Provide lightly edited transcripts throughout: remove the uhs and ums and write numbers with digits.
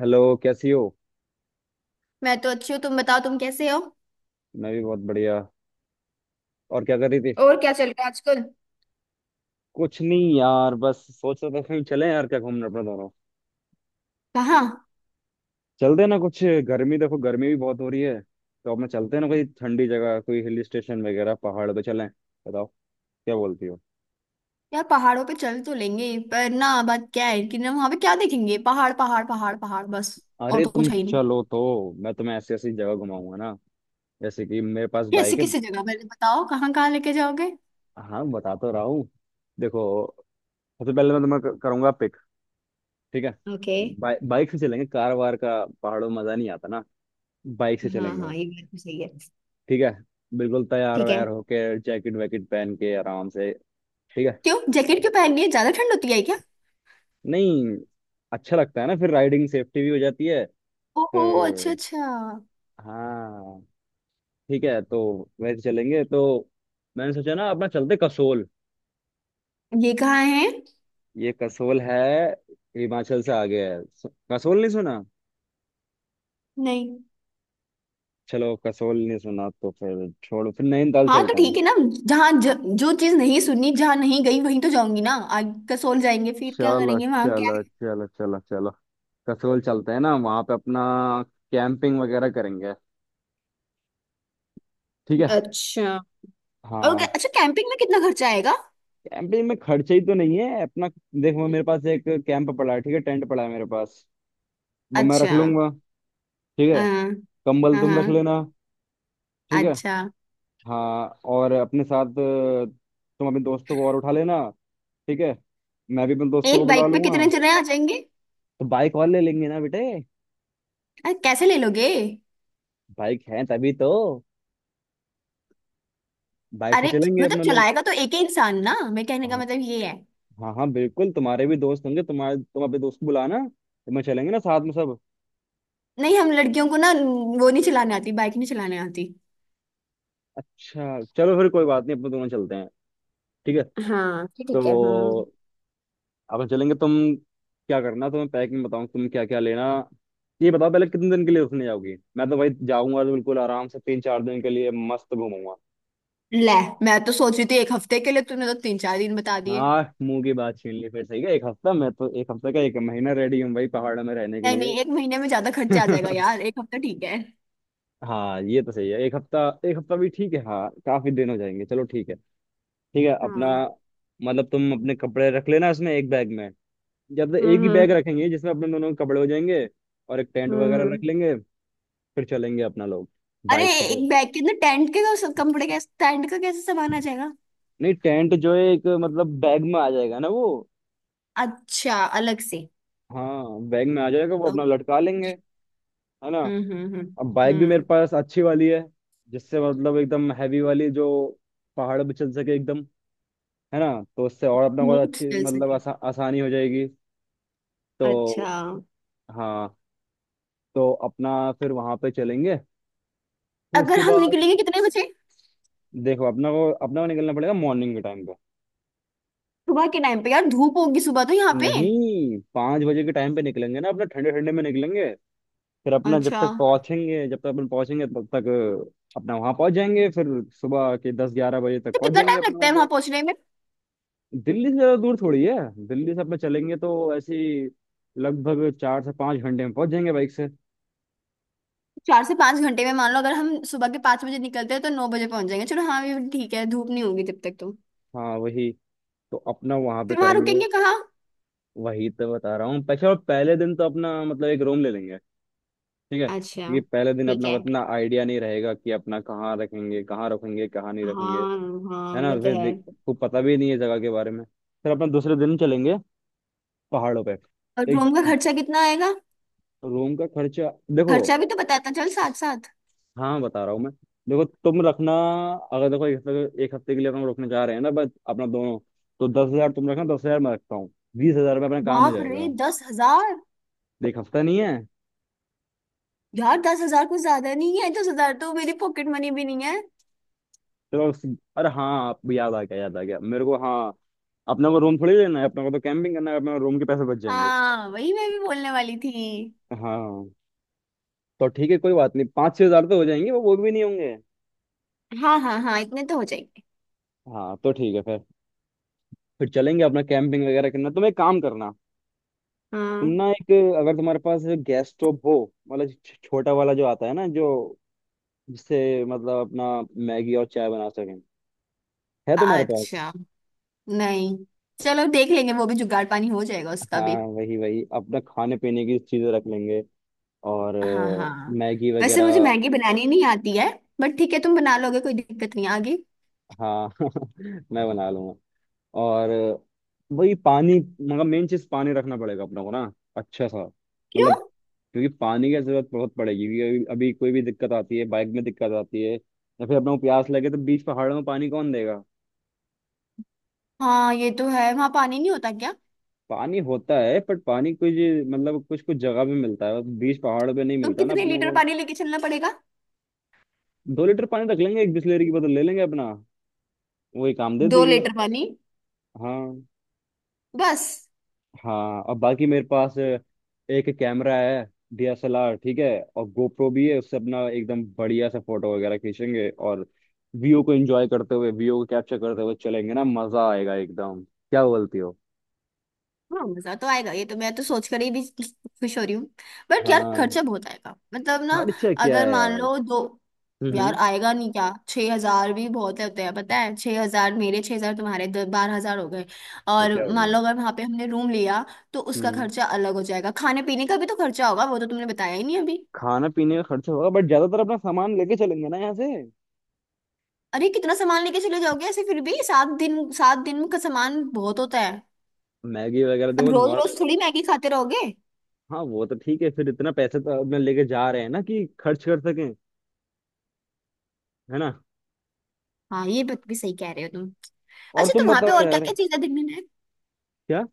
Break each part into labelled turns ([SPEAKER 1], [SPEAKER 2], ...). [SPEAKER 1] Hello, कैसी हो।
[SPEAKER 2] मैं तो अच्छी हूँ। तुम बताओ तुम कैसे हो।
[SPEAKER 1] मैं भी बहुत बढ़िया। और क्या कर रही थी।
[SPEAKER 2] और क्या चल रहा है आजकल।
[SPEAKER 1] कुछ नहीं यार, बस सोच रहा था कहीं चले यार क्या घूमने अपने दोनों।
[SPEAKER 2] कहाँ?
[SPEAKER 1] चलते हैं ना कुछ। गर्मी देखो, गर्मी भी बहुत हो रही है, तो अपने चलते हैं ना कोई ठंडी जगह, कोई हिल स्टेशन वगैरह, पहाड़ पे चलें। बताओ क्या बोलती हो।
[SPEAKER 2] यार पहाड़ों पे चल तो लेंगे, पर ना बात क्या है कि ना वहां पे क्या देखेंगे? पहाड़ पहाड़ पहाड़ पहाड़ बस। और
[SPEAKER 1] अरे
[SPEAKER 2] तो
[SPEAKER 1] तुम
[SPEAKER 2] कुछ है ही नहीं।
[SPEAKER 1] चलो तो। मैं तुम्हें ऐसी ऐसी जगह घुमाऊंगा ना। जैसे कि मेरे पास
[SPEAKER 2] कैसे
[SPEAKER 1] बाइक है।
[SPEAKER 2] किसी जगह पहले बताओ कहाँ कहाँ लेके जाओगे?
[SPEAKER 1] हाँ, बता तो रहा हूँ। देखो, सबसे पहले मैं तुम्हें करूंगा पिक। ठीक है।
[SPEAKER 2] ओके।
[SPEAKER 1] बाइक से चलेंगे, कार वार का पहाड़ों में मजा नहीं आता ना। बाइक से
[SPEAKER 2] हाँ
[SPEAKER 1] चलेंगे।
[SPEAKER 2] हाँ, ये बात तो सही है।
[SPEAKER 1] ठीक है। बिल्कुल तैयार
[SPEAKER 2] ठीक है।
[SPEAKER 1] वैयार होके, जैकेट वैकेट पहन के आराम से। ठीक है।
[SPEAKER 2] क्यों, जैकेट क्यों पहननी है? ज्यादा ठंड होती है क्या?
[SPEAKER 1] नहीं, अच्छा लगता है ना, फिर राइडिंग सेफ्टी भी हो जाती है।
[SPEAKER 2] ओहो, अच्छा
[SPEAKER 1] फिर
[SPEAKER 2] अच्छा।
[SPEAKER 1] हाँ, ठीक है तो। वैसे चलेंगे तो मैंने सोचा ना, अपना चलते कसोल।
[SPEAKER 2] ये कहाँ है?
[SPEAKER 1] ये कसोल है, हिमाचल से आगे है। कसोल नहीं सुना।
[SPEAKER 2] नहीं।
[SPEAKER 1] चलो, कसोल नहीं सुना तो फिर छोड़ो, फिर नैनीताल
[SPEAKER 2] हाँ तो
[SPEAKER 1] चलते
[SPEAKER 2] ठीक
[SPEAKER 1] हैं।
[SPEAKER 2] है ना। जहाँ जो चीज नहीं सुनी, जहाँ नहीं गई वहीं तो जाऊंगी ना। आगे कसोल जाएंगे फिर क्या
[SPEAKER 1] चलो
[SPEAKER 2] करेंगे वहां, क्या?
[SPEAKER 1] चलो चलो चलो चलो, कसोल चलते हैं ना, वहां पे अपना कैंपिंग वगैरह करेंगे। ठीक है।
[SPEAKER 2] अच्छा। और
[SPEAKER 1] हाँ,
[SPEAKER 2] अच्छा, कैंपिंग में कितना खर्चा आएगा?
[SPEAKER 1] कैंपिंग में खर्चा ही तो नहीं है अपना। देखो, मेरे पास एक कैंप पड़ा है, ठीक है, टेंट पड़ा है मेरे पास। वो मैं रख
[SPEAKER 2] अच्छा।
[SPEAKER 1] लूंगा। ठीक है।
[SPEAKER 2] हाँ
[SPEAKER 1] कंबल
[SPEAKER 2] हाँ
[SPEAKER 1] तुम रख
[SPEAKER 2] हाँ,
[SPEAKER 1] लेना। ठीक है।
[SPEAKER 2] अच्छा।
[SPEAKER 1] हाँ, और अपने साथ तुम अपने दोस्तों को और उठा लेना। ठीक है। मैं भी अपने दोस्तों को
[SPEAKER 2] एक
[SPEAKER 1] बुला
[SPEAKER 2] बाइक पे
[SPEAKER 1] लूंगा।
[SPEAKER 2] कितने जने आ जाएंगे?
[SPEAKER 1] तो बाइक और ले लेंगे ना बेटे।
[SPEAKER 2] अरे कैसे ले लोगे?
[SPEAKER 1] बाइक है तभी तो। बाइक से
[SPEAKER 2] अरे,
[SPEAKER 1] चलेंगे
[SPEAKER 2] मतलब
[SPEAKER 1] अपने लोग।
[SPEAKER 2] चलाएगा तो एक ही इंसान ना, मैं कहने का
[SPEAKER 1] हाँ
[SPEAKER 2] मतलब ये है।
[SPEAKER 1] हाँ हाँ, बिल्कुल, तुम्हारे भी दोस्त होंगे तुम्हारे, तुम अपने दोस्त को बुलाना, तो मैं चलेंगे ना साथ में सब।
[SPEAKER 2] नहीं, हम लड़कियों को ना वो नहीं चलाने आती, बाइक नहीं चलाने आती।
[SPEAKER 1] अच्छा चलो, फिर कोई बात नहीं, अपन दोनों चलते हैं। ठीक है।
[SPEAKER 2] हाँ फिर ठीक है। हम्म।
[SPEAKER 1] तो अपन चलेंगे। तुम क्या करना, तुम्हें पैकिंग बताऊँ तुम क्या क्या लेना। ये बताओ पहले कितने दिन के लिए उसने जाओगी। मैं तो भाई जाऊंगा तो बिल्कुल आराम से 3-4 दिन के लिए मस्त घूमूंगा।
[SPEAKER 2] ले, मैं तो सोच रही थी एक हफ्ते के लिए, तूने तो 3-4 दिन बता दिए।
[SPEAKER 1] हाँ मुंह की बात छीन ली, फिर सही है एक हफ्ता, मैं तो एक हफ्ते का, एक महीना रेडी हूँ भाई पहाड़ में रहने के
[SPEAKER 2] नहीं
[SPEAKER 1] लिए।
[SPEAKER 2] नहीं, एक महीने में ज्यादा खर्चा आ जाएगा यार, एक हफ्ता ठीक है।
[SPEAKER 1] हाँ ये तो सही है, एक हफ्ता। एक हफ्ता भी ठीक है, हाँ, काफी दिन हो जाएंगे। चलो ठीक है। ठीक है। अपना
[SPEAKER 2] हाँ।
[SPEAKER 1] मतलब तुम अपने कपड़े रख लेना इसमें, एक बैग में। जब तक एक
[SPEAKER 2] हम्म
[SPEAKER 1] ही
[SPEAKER 2] हम्म
[SPEAKER 1] बैग रखेंगे जिसमें अपने दोनों के कपड़े हो जाएंगे। और एक टेंट वगैरह
[SPEAKER 2] हम्म।
[SPEAKER 1] रख लेंगे, फिर चलेंगे अपना लोग
[SPEAKER 2] अरे,
[SPEAKER 1] बाइक से तो।
[SPEAKER 2] एक बैग के अंदर टेंट के कपड़े कैसे, टेंट का कैसे सामान आ जाएगा?
[SPEAKER 1] नहीं, टेंट जो है एक मतलब बैग में आ जाएगा ना वो।
[SPEAKER 2] अच्छा, अलग से?
[SPEAKER 1] हाँ बैग में आ जाएगा, वो अपना
[SPEAKER 2] ओ-
[SPEAKER 1] लटका लेंगे, है ना।
[SPEAKER 2] हम्म हम्म हम्म
[SPEAKER 1] अब बाइक भी मेरे
[SPEAKER 2] हम्म।
[SPEAKER 1] पास अच्छी वाली है, जिससे मतलब एकदम हैवी वाली जो पहाड़ पे चल सके एकदम, है ना। तो उससे और अपना को
[SPEAKER 2] स्मूथ
[SPEAKER 1] अच्छी
[SPEAKER 2] चल
[SPEAKER 1] मतलब
[SPEAKER 2] सके।
[SPEAKER 1] आसानी हो जाएगी तो।
[SPEAKER 2] अच्छा।
[SPEAKER 1] हाँ, तो अपना फिर वहां पे चलेंगे। फिर
[SPEAKER 2] अगर
[SPEAKER 1] उसके
[SPEAKER 2] हम
[SPEAKER 1] बाद
[SPEAKER 2] निकलेंगे कितने बजे?
[SPEAKER 1] देखो, अपना को निकलना पड़ेगा मॉर्निंग के टाइम पे।
[SPEAKER 2] सुबह के टाइम पे यार धूप होगी, सुबह तो यहाँ पे।
[SPEAKER 1] नहीं, 5 बजे के टाइम पे निकलेंगे ना अपना, ठंडे ठंडे में निकलेंगे। फिर अपना जब
[SPEAKER 2] अच्छा।
[SPEAKER 1] तक पहुंचेंगे, जब तक अपन पहुंचेंगे तब तक अपना वहां पहुंच जाएंगे। फिर सुबह के 10-11 बजे तक
[SPEAKER 2] तो
[SPEAKER 1] पहुंच
[SPEAKER 2] कितना
[SPEAKER 1] जाएंगे
[SPEAKER 2] टाइम
[SPEAKER 1] अपना
[SPEAKER 2] लगता
[SPEAKER 1] वहाँ
[SPEAKER 2] है
[SPEAKER 1] पे।
[SPEAKER 2] वहां पहुंचने में?
[SPEAKER 1] दिल्ली से ज्यादा दूर थोड़ी है। दिल्ली से अपना चलेंगे तो ऐसे ही लगभग 4 से 5 घंटे में पहुंच जाएंगे बाइक से।
[SPEAKER 2] 4 से 5 घंटे में मान लो अगर हम सुबह के 5 बजे निकलते हैं तो 9 बजे पहुंच जाएंगे। चलो हाँ, ये ठीक है, धूप नहीं होगी जब तक तो।
[SPEAKER 1] हाँ वही। तो अपना वहां पे
[SPEAKER 2] फिर वहां
[SPEAKER 1] करेंगे।
[SPEAKER 2] रुकेंगे कहाँ?
[SPEAKER 1] वही तो बता रहा हूँ। पैसे, और पहले दिन तो अपना मतलब एक रूम ले लेंगे, ठीक है,
[SPEAKER 2] अच्छा।
[SPEAKER 1] क्योंकि पहले दिन
[SPEAKER 2] ठीक
[SPEAKER 1] अपना को
[SPEAKER 2] है।
[SPEAKER 1] इतना आइडिया नहीं रहेगा कि अपना कहाँ रखेंगे, कहाँ रखेंगे, कहाँ नहीं रखेंगे।
[SPEAKER 2] हाँ। हाँ
[SPEAKER 1] है ना,
[SPEAKER 2] वो तो
[SPEAKER 1] फिर
[SPEAKER 2] है।
[SPEAKER 1] देख को पता भी नहीं है जगह के बारे में। फिर अपना दूसरे दिन चलेंगे पहाड़ों पे।
[SPEAKER 2] और
[SPEAKER 1] एक
[SPEAKER 2] रूम का खर्चा कितना आएगा?
[SPEAKER 1] रूम का खर्चा, देखो।
[SPEAKER 2] खर्चा भी तो बताता चल साथ साथ।
[SPEAKER 1] हाँ बता रहा हूँ मैं। देखो तुम रखना, अगर देखो एक हफ्ते, एक हफ्ते के लिए अपन रुकने जा रहे हैं ना बस अपना दोनों, तो 10,000 तुम रखना, 10,000 मैं रखता हूँ। 20,000 में अपना काम हो
[SPEAKER 2] बाप रे,
[SPEAKER 1] जाएगा।
[SPEAKER 2] 10,000!
[SPEAKER 1] देख हफ्ता नहीं है।
[SPEAKER 2] यार 10,000 कुछ ज्यादा नहीं है? 10,000 तो मेरी पॉकेट मनी भी नहीं है।
[SPEAKER 1] चलो उस- अरे हाँ आप याद आ गया, याद आ गया मेरे को, हाँ, अपने को रूम थोड़ी लेना है, अपने को तो कैंपिंग करना है, अपने रूम के पैसे बच जाएंगे।
[SPEAKER 2] हाँ वही मैं भी बोलने वाली थी।
[SPEAKER 1] हाँ तो ठीक है, कोई बात नहीं, 5-6 हजार तो हो जाएंगे, वो भी नहीं होंगे।
[SPEAKER 2] हाँ हाँ हाँ, इतने तो हो जाएंगे।
[SPEAKER 1] हाँ तो ठीक है फिर। फिर चलेंगे अपना, कैंपिंग वगैरह करना। तुम एक काम करना, तुम
[SPEAKER 2] हाँ।
[SPEAKER 1] ना एक, अगर तुम्हारे पास गैस स्टोव हो, मतलब छोटा वाला जो आता है ना, जो जिससे मतलब अपना मैगी और चाय बना सकें। है तुम्हारे पास।
[SPEAKER 2] अच्छा, नहीं। चलो देख लेंगे, वो भी जुगाड़ पानी हो जाएगा उसका
[SPEAKER 1] हाँ
[SPEAKER 2] भी।
[SPEAKER 1] वही वही, अपना खाने पीने की चीजें रख लेंगे और
[SPEAKER 2] हाँ हाँ।
[SPEAKER 1] मैगी
[SPEAKER 2] वैसे
[SPEAKER 1] वगैरह।
[SPEAKER 2] मुझे मैगी बनानी नहीं आती है। बट ठीक है, तुम बना लोगे, कोई दिक्कत नहीं आगे।
[SPEAKER 1] हाँ, मैं बना लूंगा। और वही पानी, मतलब मेन चीज पानी रखना पड़ेगा अपने को ना, अच्छा सा।
[SPEAKER 2] क्यों?
[SPEAKER 1] मतलब क्योंकि पानी की जरूरत बहुत पड़ेगी, क्योंकि अभी अभी कोई भी दिक्कत आती है, बाइक में दिक्कत आती है, या फिर अपने को प्यास लगे, तो बीच पहाड़ों में पानी कौन देगा।
[SPEAKER 2] हाँ ये तो है, वहां पानी नहीं होता क्या?
[SPEAKER 1] पानी होता है, बट पानी कुछ, मतलब कुछ कुछ जगह पे मिलता है, बीच पहाड़ पे नहीं
[SPEAKER 2] तो
[SPEAKER 1] मिलता ना
[SPEAKER 2] कितने
[SPEAKER 1] अपनों
[SPEAKER 2] लीटर
[SPEAKER 1] को।
[SPEAKER 2] पानी लेके चलना पड़ेगा?
[SPEAKER 1] 2 लीटर पानी रख लेंगे, एक बिसलेरी की बोतल ले लेंगे अपना, वही काम दे
[SPEAKER 2] दो
[SPEAKER 1] देगी।
[SPEAKER 2] लीटर पानी?
[SPEAKER 1] हाँ।
[SPEAKER 2] बस?
[SPEAKER 1] हाँ, और बाकी मेरे पास एक कैमरा है, डीएसएलआर, ठीक है, और गोप्रो भी है। उससे अपना एकदम बढ़िया सा फोटो वगैरह खींचेंगे, और व्यू को एंजॉय करते हुए, व्यू को कैप्चर करते हुए चलेंगे ना, मजा आएगा एकदम। क्या बोलती हो।
[SPEAKER 2] हाँ मजा तो आएगा, ये तो मैं तो सोच कर ही भी खुश हो रही हूँ। बट यार
[SPEAKER 1] हाँ,
[SPEAKER 2] खर्चा बहुत आएगा मतलब ना।
[SPEAKER 1] खर्चा क्या
[SPEAKER 2] अगर
[SPEAKER 1] है
[SPEAKER 2] मान
[SPEAKER 1] यार।
[SPEAKER 2] लो दो। यार
[SPEAKER 1] हम्म।
[SPEAKER 2] आएगा नहीं क्या? 6,000 भी बहुत होते हैं पता है। 6,000 मेरे, 6,000 तुम्हारे, 10-12 हज़ार हो गए।
[SPEAKER 1] तो
[SPEAKER 2] और
[SPEAKER 1] क्या
[SPEAKER 2] मान
[SPEAKER 1] हो
[SPEAKER 2] लो अगर वहां पे हमने रूम लिया तो उसका
[SPEAKER 1] गया,
[SPEAKER 2] खर्चा अलग हो जाएगा, खाने पीने का भी तो खर्चा होगा, वो तो तुमने बताया ही नहीं अभी।
[SPEAKER 1] खाना पीने का खर्चा होगा बट ज्यादातर अपना सामान लेके चलेंगे ना यहाँ से,
[SPEAKER 2] अरे कितना सामान लेके चले जाओगे ऐसे? फिर भी 7 दिन, 7 दिन का सामान बहुत होता है।
[SPEAKER 1] मैगी वगैरह,
[SPEAKER 2] अब
[SPEAKER 1] देखो
[SPEAKER 2] रोज रोज
[SPEAKER 1] नॉर्मल।
[SPEAKER 2] थोड़ी मैगी खाते रहोगे।
[SPEAKER 1] हाँ वो तो ठीक है, फिर इतना पैसे तो अपने लेके जा रहे हैं ना कि खर्च कर सकें, है ना।
[SPEAKER 2] हाँ ये बात भी सही कह रहे हो तुम।
[SPEAKER 1] और
[SPEAKER 2] अच्छा
[SPEAKER 1] तुम
[SPEAKER 2] तो वहां पे
[SPEAKER 1] बताओ
[SPEAKER 2] और क्या
[SPEAKER 1] यार।
[SPEAKER 2] क्या चीजें देखने लायक?
[SPEAKER 1] क्या।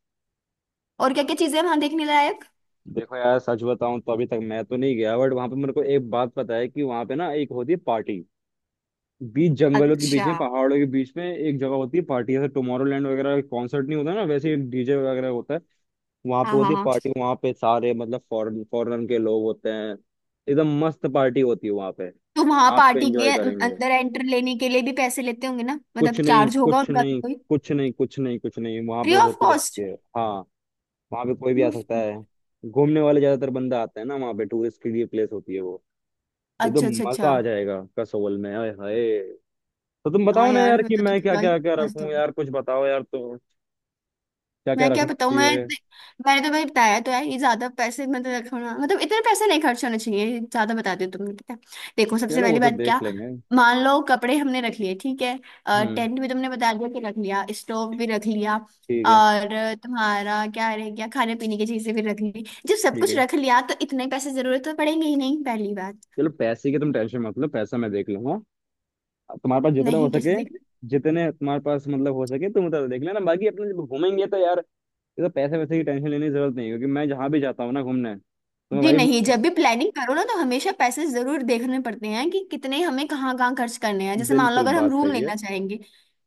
[SPEAKER 2] और क्या क्या चीजें हैं वहां देखने लायक?
[SPEAKER 1] देखो यार, सच बताऊं तो अभी तक मैं तो नहीं गया, बट वहां पे मेरे को एक बात पता है कि वहां पे ना एक होती है पार्टी, बीच जंगलों के बीच
[SPEAKER 2] अच्छा।
[SPEAKER 1] में, पहाड़ों के बीच में एक जगह होती है पार्टी, जैसे टुमारोलैंड वगैरह कॉन्सर्ट नहीं होता ना, वैसे एक डीजे वगैरह होता है। वहां पे
[SPEAKER 2] हाँ हाँ
[SPEAKER 1] होती है
[SPEAKER 2] हाँ।
[SPEAKER 1] पार्टी, वहां पे सारे मतलब फॉरेन फॉरेन के लोग होते हैं। एकदम मस्त पार्टी होती है वहां पे।
[SPEAKER 2] तो वहां
[SPEAKER 1] आप पे
[SPEAKER 2] पार्टी के
[SPEAKER 1] एंजॉय करेंगे।
[SPEAKER 2] अंदर एंटर लेने के लिए भी पैसे लेते होंगे ना, मतलब
[SPEAKER 1] कुछ नहीं,
[SPEAKER 2] चार्ज होगा
[SPEAKER 1] कुछ
[SPEAKER 2] उनका भी
[SPEAKER 1] नहीं,
[SPEAKER 2] कोई?
[SPEAKER 1] कुछ नहीं, कुछ नहीं, कुछ नहीं, वहां
[SPEAKER 2] फ्री
[SPEAKER 1] पे
[SPEAKER 2] ऑफ
[SPEAKER 1] होती रहती
[SPEAKER 2] कॉस्ट?
[SPEAKER 1] है हाँ। वहां पे कोई भी आ
[SPEAKER 2] मुफ्त
[SPEAKER 1] सकता
[SPEAKER 2] में।
[SPEAKER 1] है, घूमने वाले ज्यादातर बंदा आते हैं ना, वहां पे टूरिस्ट के लिए प्लेस होती है वो। एकदम
[SPEAKER 2] अच्छा अच्छा अच्छा।
[SPEAKER 1] मजा आ जाएगा कसोल में, आए हाय। तो तुम
[SPEAKER 2] हाँ
[SPEAKER 1] बताओ ना
[SPEAKER 2] यार,
[SPEAKER 1] यार कि
[SPEAKER 2] मतलब तो
[SPEAKER 1] मैं क्या
[SPEAKER 2] जगह ही
[SPEAKER 1] क्या क्या
[SPEAKER 2] मस्त।
[SPEAKER 1] रखूं यार, कुछ बताओ यार तो क्या क्या
[SPEAKER 2] मैं क्या
[SPEAKER 1] रखना
[SPEAKER 2] बताऊँ मैं?
[SPEAKER 1] चाहिए।
[SPEAKER 2] मैंने तो भाई बताया तो है, ये ज्यादा पैसे मतलब रखना मतलब, इतने पैसे नहीं खर्च होने चाहिए ये, ज्यादा बता दियो तुमने पता है। देखो सबसे
[SPEAKER 1] चलो वो
[SPEAKER 2] पहली
[SPEAKER 1] तो
[SPEAKER 2] बात क्या।
[SPEAKER 1] देख लेंगे।
[SPEAKER 2] मान लो कपड़े हमने रख लिए ठीक है,
[SPEAKER 1] हम्म,
[SPEAKER 2] टेंट भी तुमने बता दिया कि रख लिया, स्टोव भी रख लिया।
[SPEAKER 1] ठीक है।
[SPEAKER 2] और तुम्हारा क्या रह गया? खाने पीने की चीजें भी रख ली, जब सब
[SPEAKER 1] ठीक
[SPEAKER 2] कुछ
[SPEAKER 1] है,
[SPEAKER 2] रख लिया तो इतने पैसे जरूरत तो पड़ेंगे ही नहीं, पहली बात।
[SPEAKER 1] चलो, पैसे की तुम टेंशन मत लो, पैसा मैं देख लूंगा। तुम्हारे पास जितना हो
[SPEAKER 2] नहीं कैसे?
[SPEAKER 1] सके, जितने तुम्हारे पास मतलब हो सके तुम उतना देख लेना, बाकी अपने जब घूमेंगे तो यार, ये तो पैसे वैसे की टेंशन लेने की जरूरत नहीं है, क्योंकि मैं जहाँ भी जाता हूँ ना घूमने तो
[SPEAKER 2] जी
[SPEAKER 1] भाई।
[SPEAKER 2] नहीं, जब भी प्लानिंग करो ना तो हमेशा पैसे जरूर देखने पड़ते हैं कि कितने हमें कहाँ कहाँ खर्च करने हैं। जैसे मान लो
[SPEAKER 1] बिल्कुल
[SPEAKER 2] अगर हम
[SPEAKER 1] बात
[SPEAKER 2] रूम
[SPEAKER 1] सही है।
[SPEAKER 2] लेना चाहेंगे,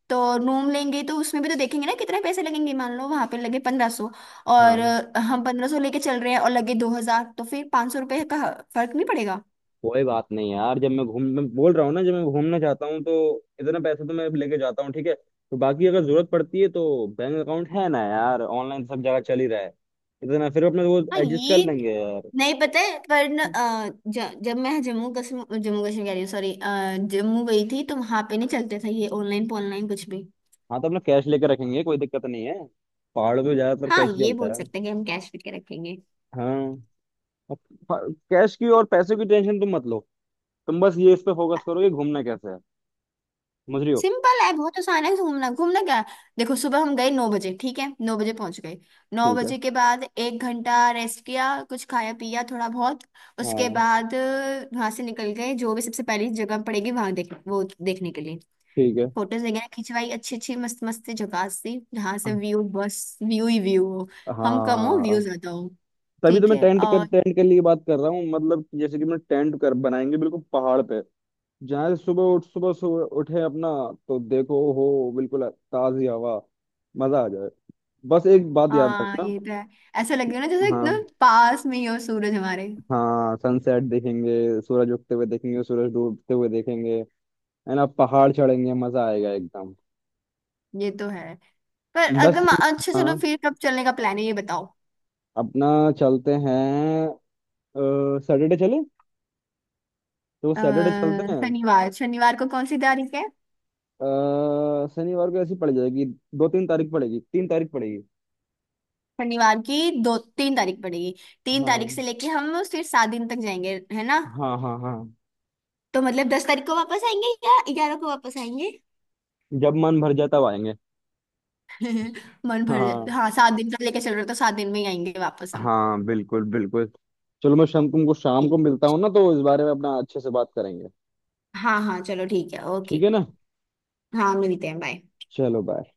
[SPEAKER 2] तो रूम लेंगे तो उसमें भी तो देखेंगे ना कितने पैसे लगेंगे, मान लो वहां पे लगे 1,500 और
[SPEAKER 1] हाँ,
[SPEAKER 2] हम 1,500 लेके चल रहे हैं और लगे 2,000, तो फिर ₹500 का फर्क नहीं पड़ेगा।
[SPEAKER 1] कोई बात नहीं यार, जब मैं घूम मैं बोल रहा हूँ ना, जब मैं घूमना चाहता हूँ तो इतना पैसा तो मैं लेके जाता हूँ, ठीक है। तो बाकी अगर जरूरत पड़ती है तो बैंक अकाउंट है ना यार, ऑनलाइन सब जगह चल ही रहा है, इतना फिर अपने वो
[SPEAKER 2] हाँ
[SPEAKER 1] एडजस्ट कर
[SPEAKER 2] ये
[SPEAKER 1] लेंगे यार।
[SPEAKER 2] नहीं पता है, पर न, अ, ज, जब मैं जम्मू कश्मीर, जम्मू कश्मीर कह रही हूँ, सॉरी, जम्मू गई थी तो वहां पे नहीं चलते थे ये ऑनलाइन, ऑनलाइन कुछ भी।
[SPEAKER 1] हाँ तो अपना कैश लेके रखेंगे, कोई दिक्कत नहीं है, पहाड़ों में ज्यादातर
[SPEAKER 2] हाँ,
[SPEAKER 1] कैश ही
[SPEAKER 2] ये बोल
[SPEAKER 1] चलता है।
[SPEAKER 2] सकते हैं कि हम कैश लेके रखेंगे।
[SPEAKER 1] हाँ, कैश की और पैसे की टेंशन तुम मत लो, तुम बस ये इस पे फोकस करो कि घूमना कैसे है, समझ रही हो।
[SPEAKER 2] सिंपल है, बहुत आसान है घूमना। घूमना क्या, देखो सुबह हम गए 9 बजे ठीक है, 9 बजे पहुंच गए। नौ
[SPEAKER 1] ठीक है।
[SPEAKER 2] बजे के बाद 1 घंटा रेस्ट किया, कुछ खाया पिया थोड़ा बहुत, उसके
[SPEAKER 1] हाँ।
[SPEAKER 2] बाद वहां से निकल गए, जो भी सबसे पहली जगह पड़ेगी वहां देख, वो देखने के लिए।
[SPEAKER 1] ठीक है।
[SPEAKER 2] फोटोज वगैरह खिंचवाई अच्छी अच्छी मस्त मस्त सी जगह सी, जहाँ से व्यू बस व्यू ही व्यू हो। हम कम हो,
[SPEAKER 1] हाँ,
[SPEAKER 2] व्यू ज्यादा हो।
[SPEAKER 1] तभी तो
[SPEAKER 2] ठीक
[SPEAKER 1] मैं
[SPEAKER 2] है और।
[SPEAKER 1] टेंट के लिए बात कर रहा हूँ, मतलब कि जैसे कि मैं टेंट कर बनाएंगे बिल्कुल पहाड़ पे, जहाँ से सुबह सुबह उठे अपना तो देखो, हो बिल्कुल ताजी हवा, मजा आ जाए। बस एक बात याद
[SPEAKER 2] हाँ
[SPEAKER 1] रखना।
[SPEAKER 2] ये तो है। ऐसा लगे ना जैसे
[SPEAKER 1] हाँ।
[SPEAKER 2] एकदम पास में ही हो सूरज हमारे।
[SPEAKER 1] हाँ, सनसेट देखेंगे, सूरज उगते हुए देखेंगे, सूरज डूबते हुए देखेंगे, है ना, पहाड़ चढ़ेंगे, मजा आएगा एकदम।
[SPEAKER 2] ये तो है, पर अगर
[SPEAKER 1] बस।
[SPEAKER 2] अच्छा चलो,
[SPEAKER 1] हाँ,
[SPEAKER 2] फिर कब चलने का प्लान है ये बताओ?
[SPEAKER 1] अपना चलते हैं, सैटरडे चले तो
[SPEAKER 2] अ,
[SPEAKER 1] सैटरडे चलते हैं।
[SPEAKER 2] शनिवार, शनिवार को कौन सी तारीख है?
[SPEAKER 1] शनिवार को ऐसी पड़ जाएगी, 2-3 तारीख पड़ेगी, 3 तारीख पड़ेगी।
[SPEAKER 2] शनिवार की 2-3 तारीख पड़ेगी? तीन
[SPEAKER 1] हाँ।
[SPEAKER 2] तारीख से लेके हम फिर 7 दिन तक जाएंगे है ना।
[SPEAKER 1] हाँ हाँ हाँ।
[SPEAKER 2] तो मतलब 10 तारीख को वापस आएंगे या 11 को वापस आएंगे?
[SPEAKER 1] जब मन भर जाए तब आएंगे।
[SPEAKER 2] मन भर
[SPEAKER 1] हाँ,
[SPEAKER 2] जाए? हाँ, सात दिन तक लेके चल रहे हो तो 7 दिन में ही आएंगे वापस हम।
[SPEAKER 1] हाँ बिल्कुल बिल्कुल। चलो, मैं शाम तुमको शाम को
[SPEAKER 2] ठीक।
[SPEAKER 1] मिलता हूँ ना तो, इस बारे में अपना अच्छे से बात करेंगे।
[SPEAKER 2] हाँ हाँ चलो ठीक है
[SPEAKER 1] ठीक
[SPEAKER 2] ओके।
[SPEAKER 1] है ना।
[SPEAKER 2] हाँ मिलते हैं, बाय।
[SPEAKER 1] चलो बाय।